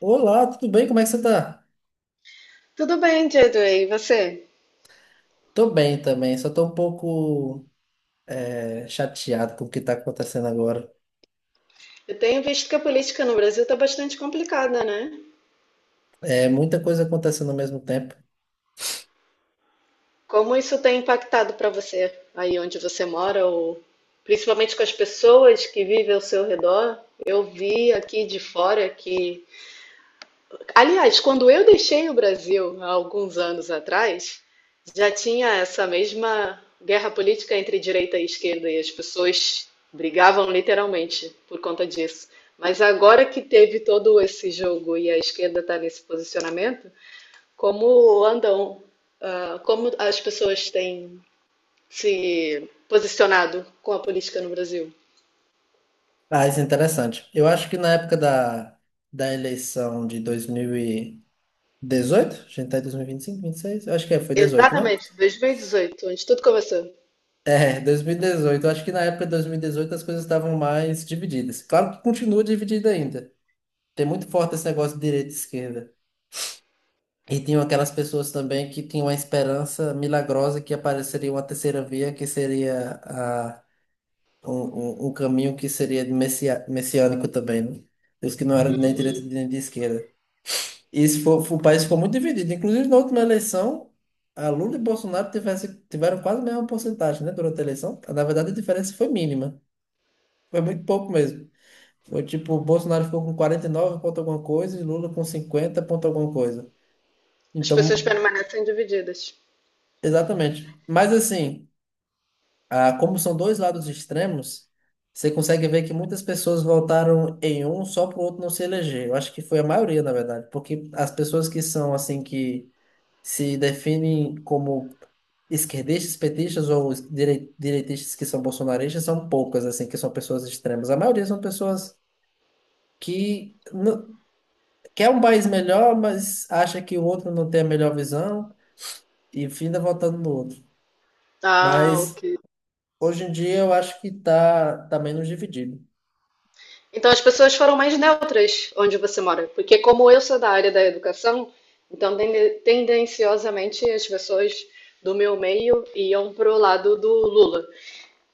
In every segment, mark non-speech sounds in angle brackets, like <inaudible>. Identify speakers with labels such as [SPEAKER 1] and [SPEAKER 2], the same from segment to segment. [SPEAKER 1] Olá, tudo bem? Como é que você tá?
[SPEAKER 2] Tudo bem, Diego, e você?
[SPEAKER 1] Tô bem também, só tô um pouco chateado com o que tá acontecendo agora.
[SPEAKER 2] Eu tenho visto que a política no Brasil está bastante complicada, né?
[SPEAKER 1] É muita coisa acontecendo ao mesmo tempo.
[SPEAKER 2] Como isso tem impactado para você aí onde você mora, ou principalmente com as pessoas que vivem ao seu redor? Eu vi aqui de fora que Aliás, quando eu deixei o Brasil há alguns anos atrás, já tinha essa mesma guerra política entre direita e esquerda, e as pessoas brigavam literalmente por conta disso. Mas agora que teve todo esse jogo e a esquerda está nesse posicionamento, como andam, como as pessoas têm se posicionado com a política no Brasil?
[SPEAKER 1] Ah, isso é interessante. Eu acho que na época da eleição de 2018, a gente tá em 2025, 26? Eu acho que é, foi 18, né?
[SPEAKER 2] Exatamente, 2018, onde tudo começou.
[SPEAKER 1] É, 2018. Eu acho que na época de 2018 as coisas estavam mais divididas. Claro que continua dividida ainda. Tem muito forte esse negócio de direita e esquerda. E tinham aquelas pessoas também que tinham a esperança milagrosa que apareceria uma terceira via, que seria um caminho que seria de messiânico também, né? Os que não eram nem direita nem de esquerda. E isso o país ficou muito dividido. Inclusive, na última eleição, a Lula e Bolsonaro tiveram quase a mesma porcentagem, né, durante a eleição. Na verdade, a diferença foi mínima. Foi muito pouco mesmo. Foi tipo, o Bolsonaro ficou com 49 ponto alguma coisa e Lula com 50 ponto alguma coisa.
[SPEAKER 2] As pessoas
[SPEAKER 1] Então,
[SPEAKER 2] permanecem divididas.
[SPEAKER 1] exatamente. Mas assim. Ah, como são dois lados extremos, você consegue ver que muitas pessoas votaram em um só para o outro não se eleger. Eu acho que foi a maioria, na verdade, porque as pessoas que são assim que se definem como esquerdistas, petistas ou os direitistas que são bolsonaristas são poucas, assim, que são pessoas extremas. A maioria são pessoas que quer um país melhor, mas acha que o outro não tem a melhor visão e finda votando no outro.
[SPEAKER 2] Ah, ok.
[SPEAKER 1] Mas hoje em dia eu acho que tá menos dividido.
[SPEAKER 2] Então as pessoas foram mais neutras onde você mora, porque como eu sou da área da educação, então tendenciosamente as pessoas do meu meio iam pro lado do Lula.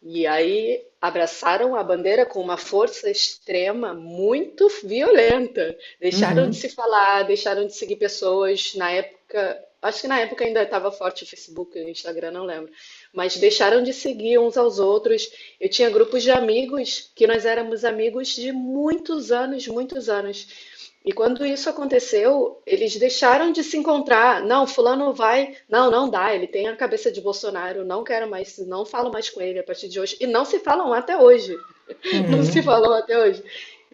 [SPEAKER 2] E aí abraçaram a bandeira com uma força extrema muito violenta. Deixaram de
[SPEAKER 1] Uhum,
[SPEAKER 2] se falar, deixaram de seguir pessoas. Na época, acho que na época ainda estava forte o Facebook, o Instagram, não lembro. Mas deixaram de seguir uns aos outros. Eu tinha grupos de amigos que nós éramos amigos de muitos anos, muitos anos. E quando isso aconteceu, eles deixaram de se encontrar. Não, fulano vai. Não, não dá. Ele tem a cabeça de Bolsonaro. Não quero mais. Não falo mais com ele a partir de hoje. E não se falam até hoje. <laughs> Não se
[SPEAKER 1] uhum.
[SPEAKER 2] falam até hoje.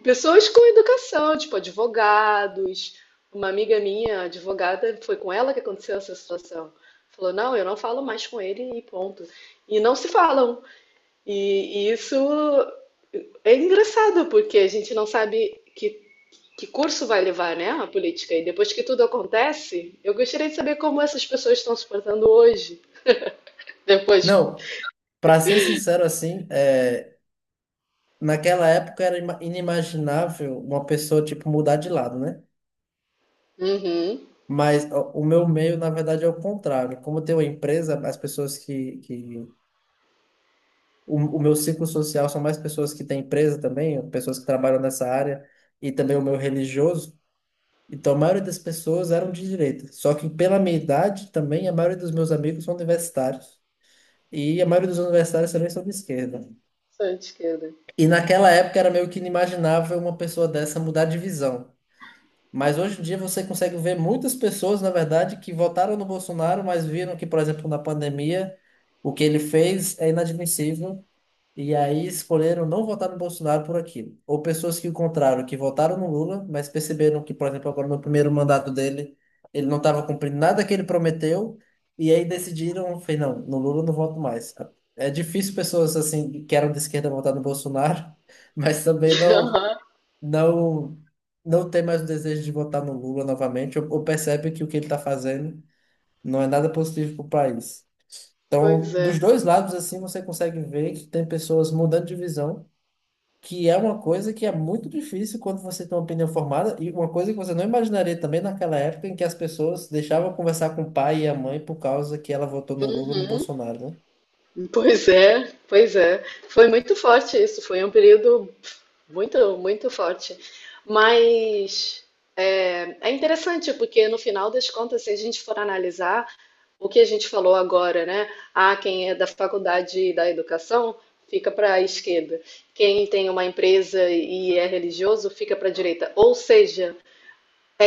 [SPEAKER 2] Pessoas com educação, tipo advogados. Uma amiga minha, advogada, foi com ela que aconteceu essa situação. Falou, não, eu não falo mais com ele e ponto. E não se falam. E isso é engraçado, porque a gente não sabe que curso vai levar, né, a política? E depois que tudo acontece, eu gostaria de saber como essas pessoas estão se portando hoje. Depois.
[SPEAKER 1] Não, para ser sincero assim, é, naquela época era inimaginável uma pessoa tipo mudar de lado, né?
[SPEAKER 2] Uhum.
[SPEAKER 1] Mas ó, o meu meio, na verdade, é o contrário. Como eu tenho uma empresa, as pessoas que... O meu ciclo social são mais pessoas que têm empresa também, pessoas que trabalham nessa área, e também o meu religioso. Então, a maioria das pessoas eram de direita. Só que pela minha idade também, a maioria dos meus amigos são universitários. E a maioria dos universitários também são de esquerda.
[SPEAKER 2] Sou de esquerda.
[SPEAKER 1] E naquela época era meio que inimaginável uma pessoa dessa mudar de visão. Mas hoje em dia você consegue ver muitas pessoas, na verdade, que votaram no Bolsonaro, mas viram que, por exemplo, na pandemia, o que ele fez é inadmissível e aí escolheram não votar no Bolsonaro por aquilo. Ou pessoas que o contrário, que votaram no Lula, mas perceberam que, por exemplo, agora no primeiro mandato dele, ele não estava cumprindo nada que ele prometeu, e aí decidiram, foi, não, no Lula eu não voto mais. É difícil pessoas assim que eram de esquerda votar no Bolsonaro, <laughs> mas também
[SPEAKER 2] <laughs> Aham.
[SPEAKER 1] não não tem mais o desejo de votar no Lula novamente, ou percebe que o que ele está fazendo não é nada positivo para o país. Então,
[SPEAKER 2] Pois é.
[SPEAKER 1] dos dois lados, assim, você consegue ver que tem pessoas mudando de visão, que é uma coisa que é muito difícil quando você tem uma opinião formada, e uma coisa que você não imaginaria também naquela época em que as pessoas deixavam conversar com o pai e a mãe por causa que ela votou no Lula ou no Bolsonaro, né?
[SPEAKER 2] Pois é. Pois é. Foi muito forte isso. Foi um período muito, muito forte. Mas é interessante, porque no final das contas, se a gente for analisar o que a gente falou agora, né? Ah, quem é da faculdade da educação fica para a esquerda. Quem tem uma empresa e é religioso fica para a direita. Ou seja,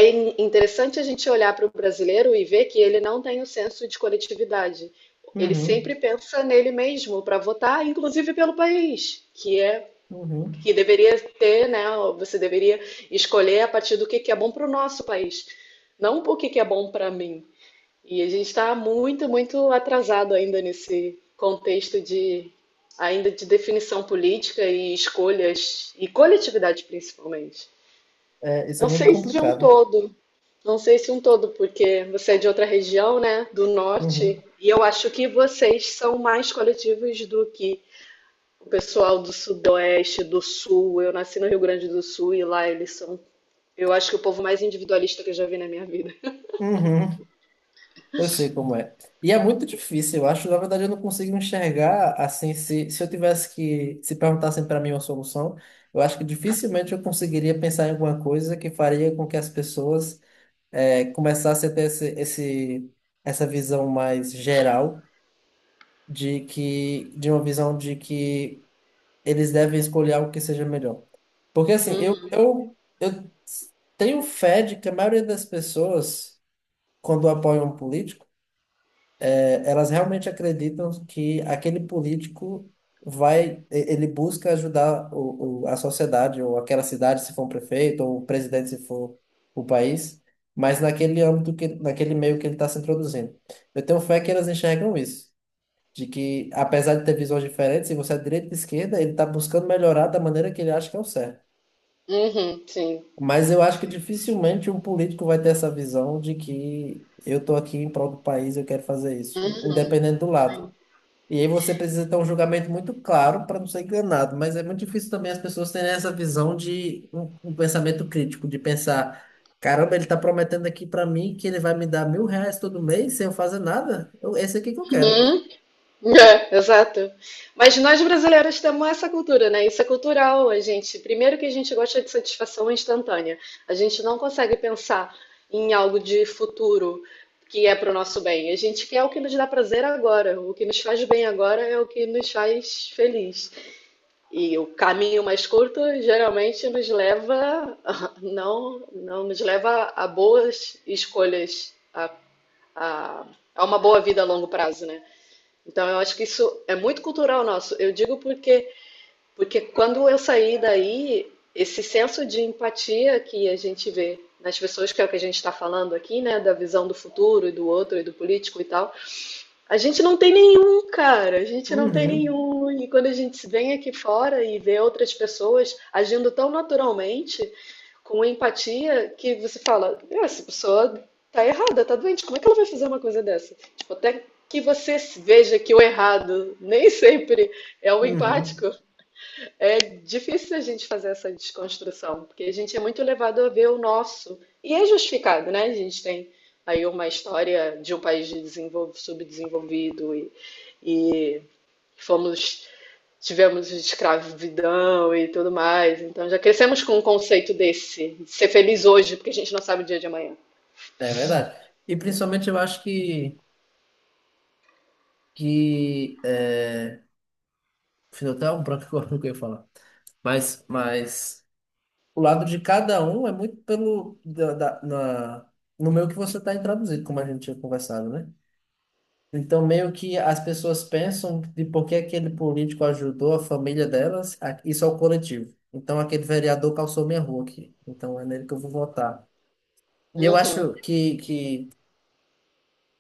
[SPEAKER 2] interessante a gente olhar para o brasileiro e ver que ele não tem o senso de coletividade. Ele
[SPEAKER 1] Uhum,
[SPEAKER 2] sempre pensa nele mesmo para votar, inclusive pelo país, que é
[SPEAKER 1] uhum.
[SPEAKER 2] que deveria ter, né? Você deveria escolher a partir do que é bom para o nosso país, não o que, que é bom para mim. E a gente está muito, muito atrasado ainda nesse contexto de ainda de definição política e escolhas e coletividade principalmente.
[SPEAKER 1] É, isso é
[SPEAKER 2] Não
[SPEAKER 1] muito
[SPEAKER 2] sei se de um
[SPEAKER 1] complicado.
[SPEAKER 2] todo, não sei se um todo, porque você é de outra região, né, do
[SPEAKER 1] Uhum,
[SPEAKER 2] norte, e eu acho que vocês são mais coletivos do que o pessoal do Sudoeste, do Sul. Eu nasci no Rio Grande do Sul e lá eles são. Eu acho que o povo mais individualista que eu já vi na minha vida.
[SPEAKER 1] uhum. Eu sei como é. E é muito difícil, eu acho. Na verdade, eu não consigo enxergar assim. Se eu tivesse que. Se perguntassem para mim uma solução, eu acho que dificilmente eu conseguiria pensar em alguma coisa que faria com que as pessoas começassem a ter essa visão mais geral de que. De uma visão de que eles devem escolher algo que seja melhor. Porque assim, eu,
[SPEAKER 2] Uhum,
[SPEAKER 1] eu, eu tenho fé de que a maioria das pessoas, quando apoiam um político, elas realmente acreditam que aquele político ele busca ajudar a sociedade, ou aquela cidade, se for um prefeito, ou o presidente, se for o país, mas naquele âmbito, naquele meio que ele está se introduzindo. Eu tenho fé que elas enxergam isso, de que, apesar de ter visões diferentes, se você é de direita e de esquerda, ele está buscando melhorar da maneira que ele acha que é o certo.
[SPEAKER 2] uhum, sim,
[SPEAKER 1] Mas eu acho que
[SPEAKER 2] sim.
[SPEAKER 1] dificilmente um político vai ter essa visão de que eu estou aqui em prol do país, eu quero fazer isso, independente do lado. E aí você precisa ter um julgamento muito claro para não ser enganado, mas é muito difícil também as pessoas terem essa visão de um pensamento crítico, de pensar, caramba, ele está prometendo aqui para mim que ele vai me dar 1.000 reais todo mês sem eu fazer nada. Eu, esse é aqui que eu quero.
[SPEAKER 2] Uhum. É, exato. Mas nós brasileiros temos essa cultura, né? Isso é cultural, a gente. Primeiro que a gente gosta de satisfação instantânea. A gente não consegue pensar em algo de futuro que é para o nosso bem. A gente quer o que nos dá prazer agora. O que nos faz bem agora é o que nos faz feliz. E o caminho mais curto geralmente nos leva, <laughs> não, não nos leva a boas escolhas, a, a uma boa vida a longo prazo, né? Então eu acho que isso é muito cultural nosso. Eu digo porque quando eu saí daí, esse senso de empatia que a gente vê nas pessoas, que é o que a gente está falando aqui, né, da visão do futuro e do outro e do político e tal, a gente não tem nenhum, cara. A gente não tem
[SPEAKER 1] Uhum,
[SPEAKER 2] nenhum. E quando a gente vem aqui fora e vê outras pessoas agindo tão naturalmente, com empatia, que você fala: "Ah, essa pessoa tá errada, tá doente. Como é que ela vai fazer uma coisa dessa? Tipo, até que você veja que o errado nem <laughs> sempre é o
[SPEAKER 1] uhum.
[SPEAKER 2] empático, é difícil a gente fazer essa desconstrução, porque a gente é muito levado a ver o nosso. E é justificado, né? A gente tem aí uma história de um país de subdesenvolvido e fomos, tivemos escravidão e tudo mais. Então já crescemos com um conceito desse, de ser feliz hoje, porque a gente não sabe o dia de amanhã.
[SPEAKER 1] É verdade. E principalmente eu acho que é... Fiz até um branco <laughs> agora no que eu ia falar. Mas o lado de cada um é muito pelo no meio que você está introduzido, como a gente tinha conversado, né? Então, meio que as pessoas pensam de por que aquele político ajudou a família delas, isso é o coletivo. Então, aquele vereador calçou minha rua aqui. Então, é nele que eu vou votar. E eu
[SPEAKER 2] Uhum.
[SPEAKER 1] acho que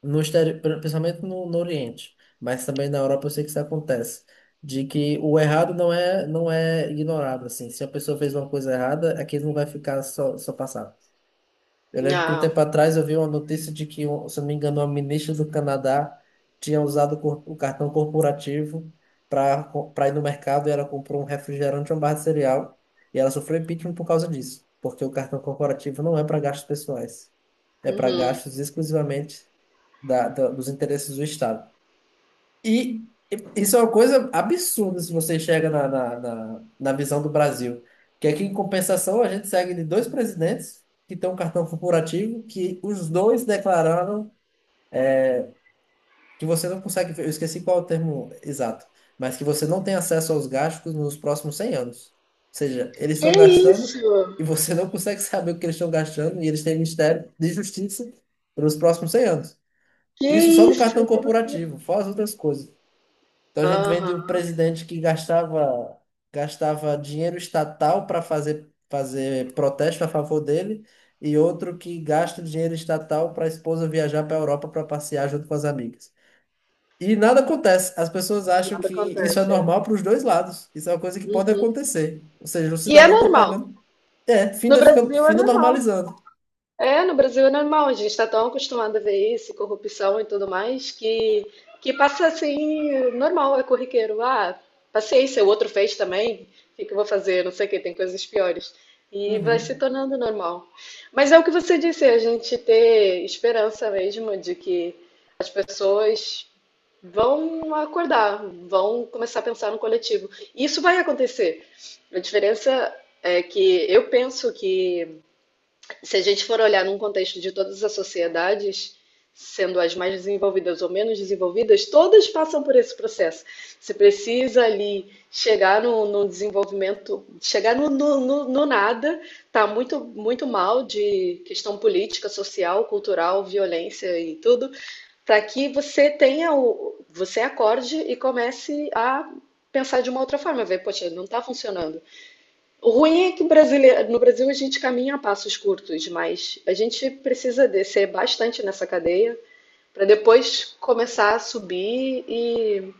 [SPEAKER 1] no exterior, principalmente no Oriente, mas também na Europa, eu sei que isso acontece, de que o errado não é ignorado, assim. Se a pessoa fez uma coisa errada, aquilo não vai ficar só passado. Eu lembro que um
[SPEAKER 2] Não.
[SPEAKER 1] tempo atrás eu vi uma notícia de que, se eu não me engano, uma ministra do Canadá tinha usado o o cartão corporativo para para ir no mercado e ela comprou um refrigerante e uma barra de cereal e ela sofreu impeachment por causa disso, porque o cartão corporativo não é para gastos pessoais, é para
[SPEAKER 2] Uhum.
[SPEAKER 1] gastos exclusivamente dos interesses do Estado. E isso é uma coisa absurda se você chega na visão do Brasil. Que aqui, em compensação, a gente segue de dois presidentes que têm um cartão corporativo que os dois declararam que você não consegue, eu esqueci qual é o termo exato, mas que você não tem acesso aos gastos nos próximos 100 anos. Ou seja, eles
[SPEAKER 2] Que
[SPEAKER 1] estão gastando e
[SPEAKER 2] isso?
[SPEAKER 1] você não consegue <laughs> saber o que eles estão gastando e eles têm Ministério de Justiça pelos próximos 100 anos.
[SPEAKER 2] Que
[SPEAKER 1] Isso só no
[SPEAKER 2] isso?
[SPEAKER 1] cartão
[SPEAKER 2] Que loucura.
[SPEAKER 1] corporativo, fora as outras coisas. Então a gente vem de um
[SPEAKER 2] Aham.
[SPEAKER 1] presidente que gastava dinheiro estatal para fazer protesto a favor dele, e outro que gasta dinheiro estatal para a esposa viajar para a Europa para passear junto com as amigas. E nada acontece. As pessoas acham
[SPEAKER 2] Nada
[SPEAKER 1] que isso é
[SPEAKER 2] acontece. É.
[SPEAKER 1] normal para os dois lados. Isso é uma coisa que pode
[SPEAKER 2] Uhum.
[SPEAKER 1] acontecer. Ou seja, o
[SPEAKER 2] E é
[SPEAKER 1] cidadão está
[SPEAKER 2] normal.
[SPEAKER 1] pagando. É,
[SPEAKER 2] No Brasil é
[SPEAKER 1] finda
[SPEAKER 2] normal.
[SPEAKER 1] normalizando.
[SPEAKER 2] É, no Brasil é normal. A gente está tão acostumado a ver isso, corrupção e tudo mais, que passa assim, normal, é corriqueiro. Ah, paciência, o outro fez também, o que que eu vou fazer? Não sei o que, tem coisas piores. E vai se
[SPEAKER 1] Uhum,
[SPEAKER 2] tornando normal. Mas é o que você disse, a gente ter esperança mesmo de que as pessoas vão acordar, vão começar a pensar no coletivo. E isso vai acontecer. A diferença é que eu penso que se a gente for olhar num contexto de todas as sociedades, sendo as mais desenvolvidas ou menos desenvolvidas, todas passam por esse processo. Você precisa ali chegar no desenvolvimento, chegar no nada, tá muito, muito mal de questão política, social, cultural, violência e tudo, para que você tenha o, você acorde e comece a pensar de uma outra forma, ver, poxa, não está funcionando. O ruim é que o brasileiro, no Brasil a gente caminha a passos curtos, mas a gente precisa descer bastante nessa cadeia para depois começar a subir e,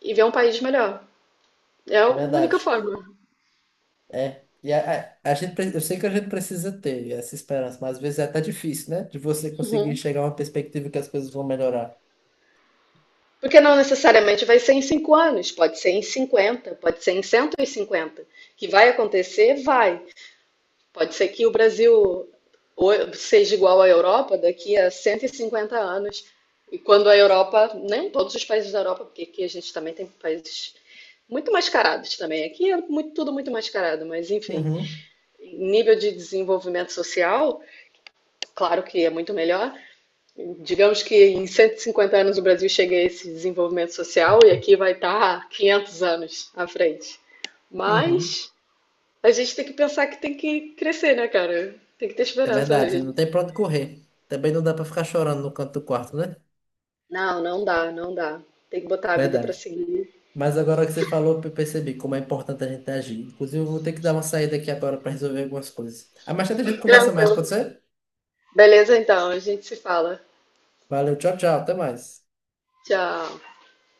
[SPEAKER 2] e ver um país melhor. É a
[SPEAKER 1] é
[SPEAKER 2] única
[SPEAKER 1] verdade.
[SPEAKER 2] forma.
[SPEAKER 1] É. E a a gente, eu sei que a gente precisa ter essa esperança, mas às vezes é até difícil, né? De você conseguir
[SPEAKER 2] Uhum.
[SPEAKER 1] chegar a uma perspectiva que as coisas vão melhorar.
[SPEAKER 2] Porque não necessariamente vai ser em 5 anos, pode ser em 50, pode ser em 150. Que vai acontecer, vai. Pode ser que o Brasil seja igual à Europa daqui a 150 anos. E quando a Europa, né, todos os países da Europa, porque aqui a gente também tem países muito mascarados também. Aqui é muito, tudo muito mascarado, mas enfim,
[SPEAKER 1] Uhum,
[SPEAKER 2] nível de desenvolvimento social, claro que é muito melhor. Digamos que em 150 anos o Brasil chegue a esse desenvolvimento social e aqui vai estar 500 anos à frente.
[SPEAKER 1] uhum.
[SPEAKER 2] Mas a gente tem que pensar que tem que crescer, né, cara? Tem que ter
[SPEAKER 1] É
[SPEAKER 2] esperança.
[SPEAKER 1] verdade, não tem pra onde correr. Também não dá pra ficar chorando no canto do quarto, né?
[SPEAKER 2] Não, não dá, não dá. Tem que botar a vida pra
[SPEAKER 1] Verdade.
[SPEAKER 2] seguir.
[SPEAKER 1] Mas agora que você falou, eu percebi como é importante a gente agir. Inclusive, eu vou ter que dar uma saída aqui agora para resolver algumas coisas. Ah, mais tarde a gente conversa mais,
[SPEAKER 2] Tranquilo.
[SPEAKER 1] pode ser?
[SPEAKER 2] Beleza, então, a gente se fala.
[SPEAKER 1] Valeu, tchau, tchau, até mais.
[SPEAKER 2] Tchau.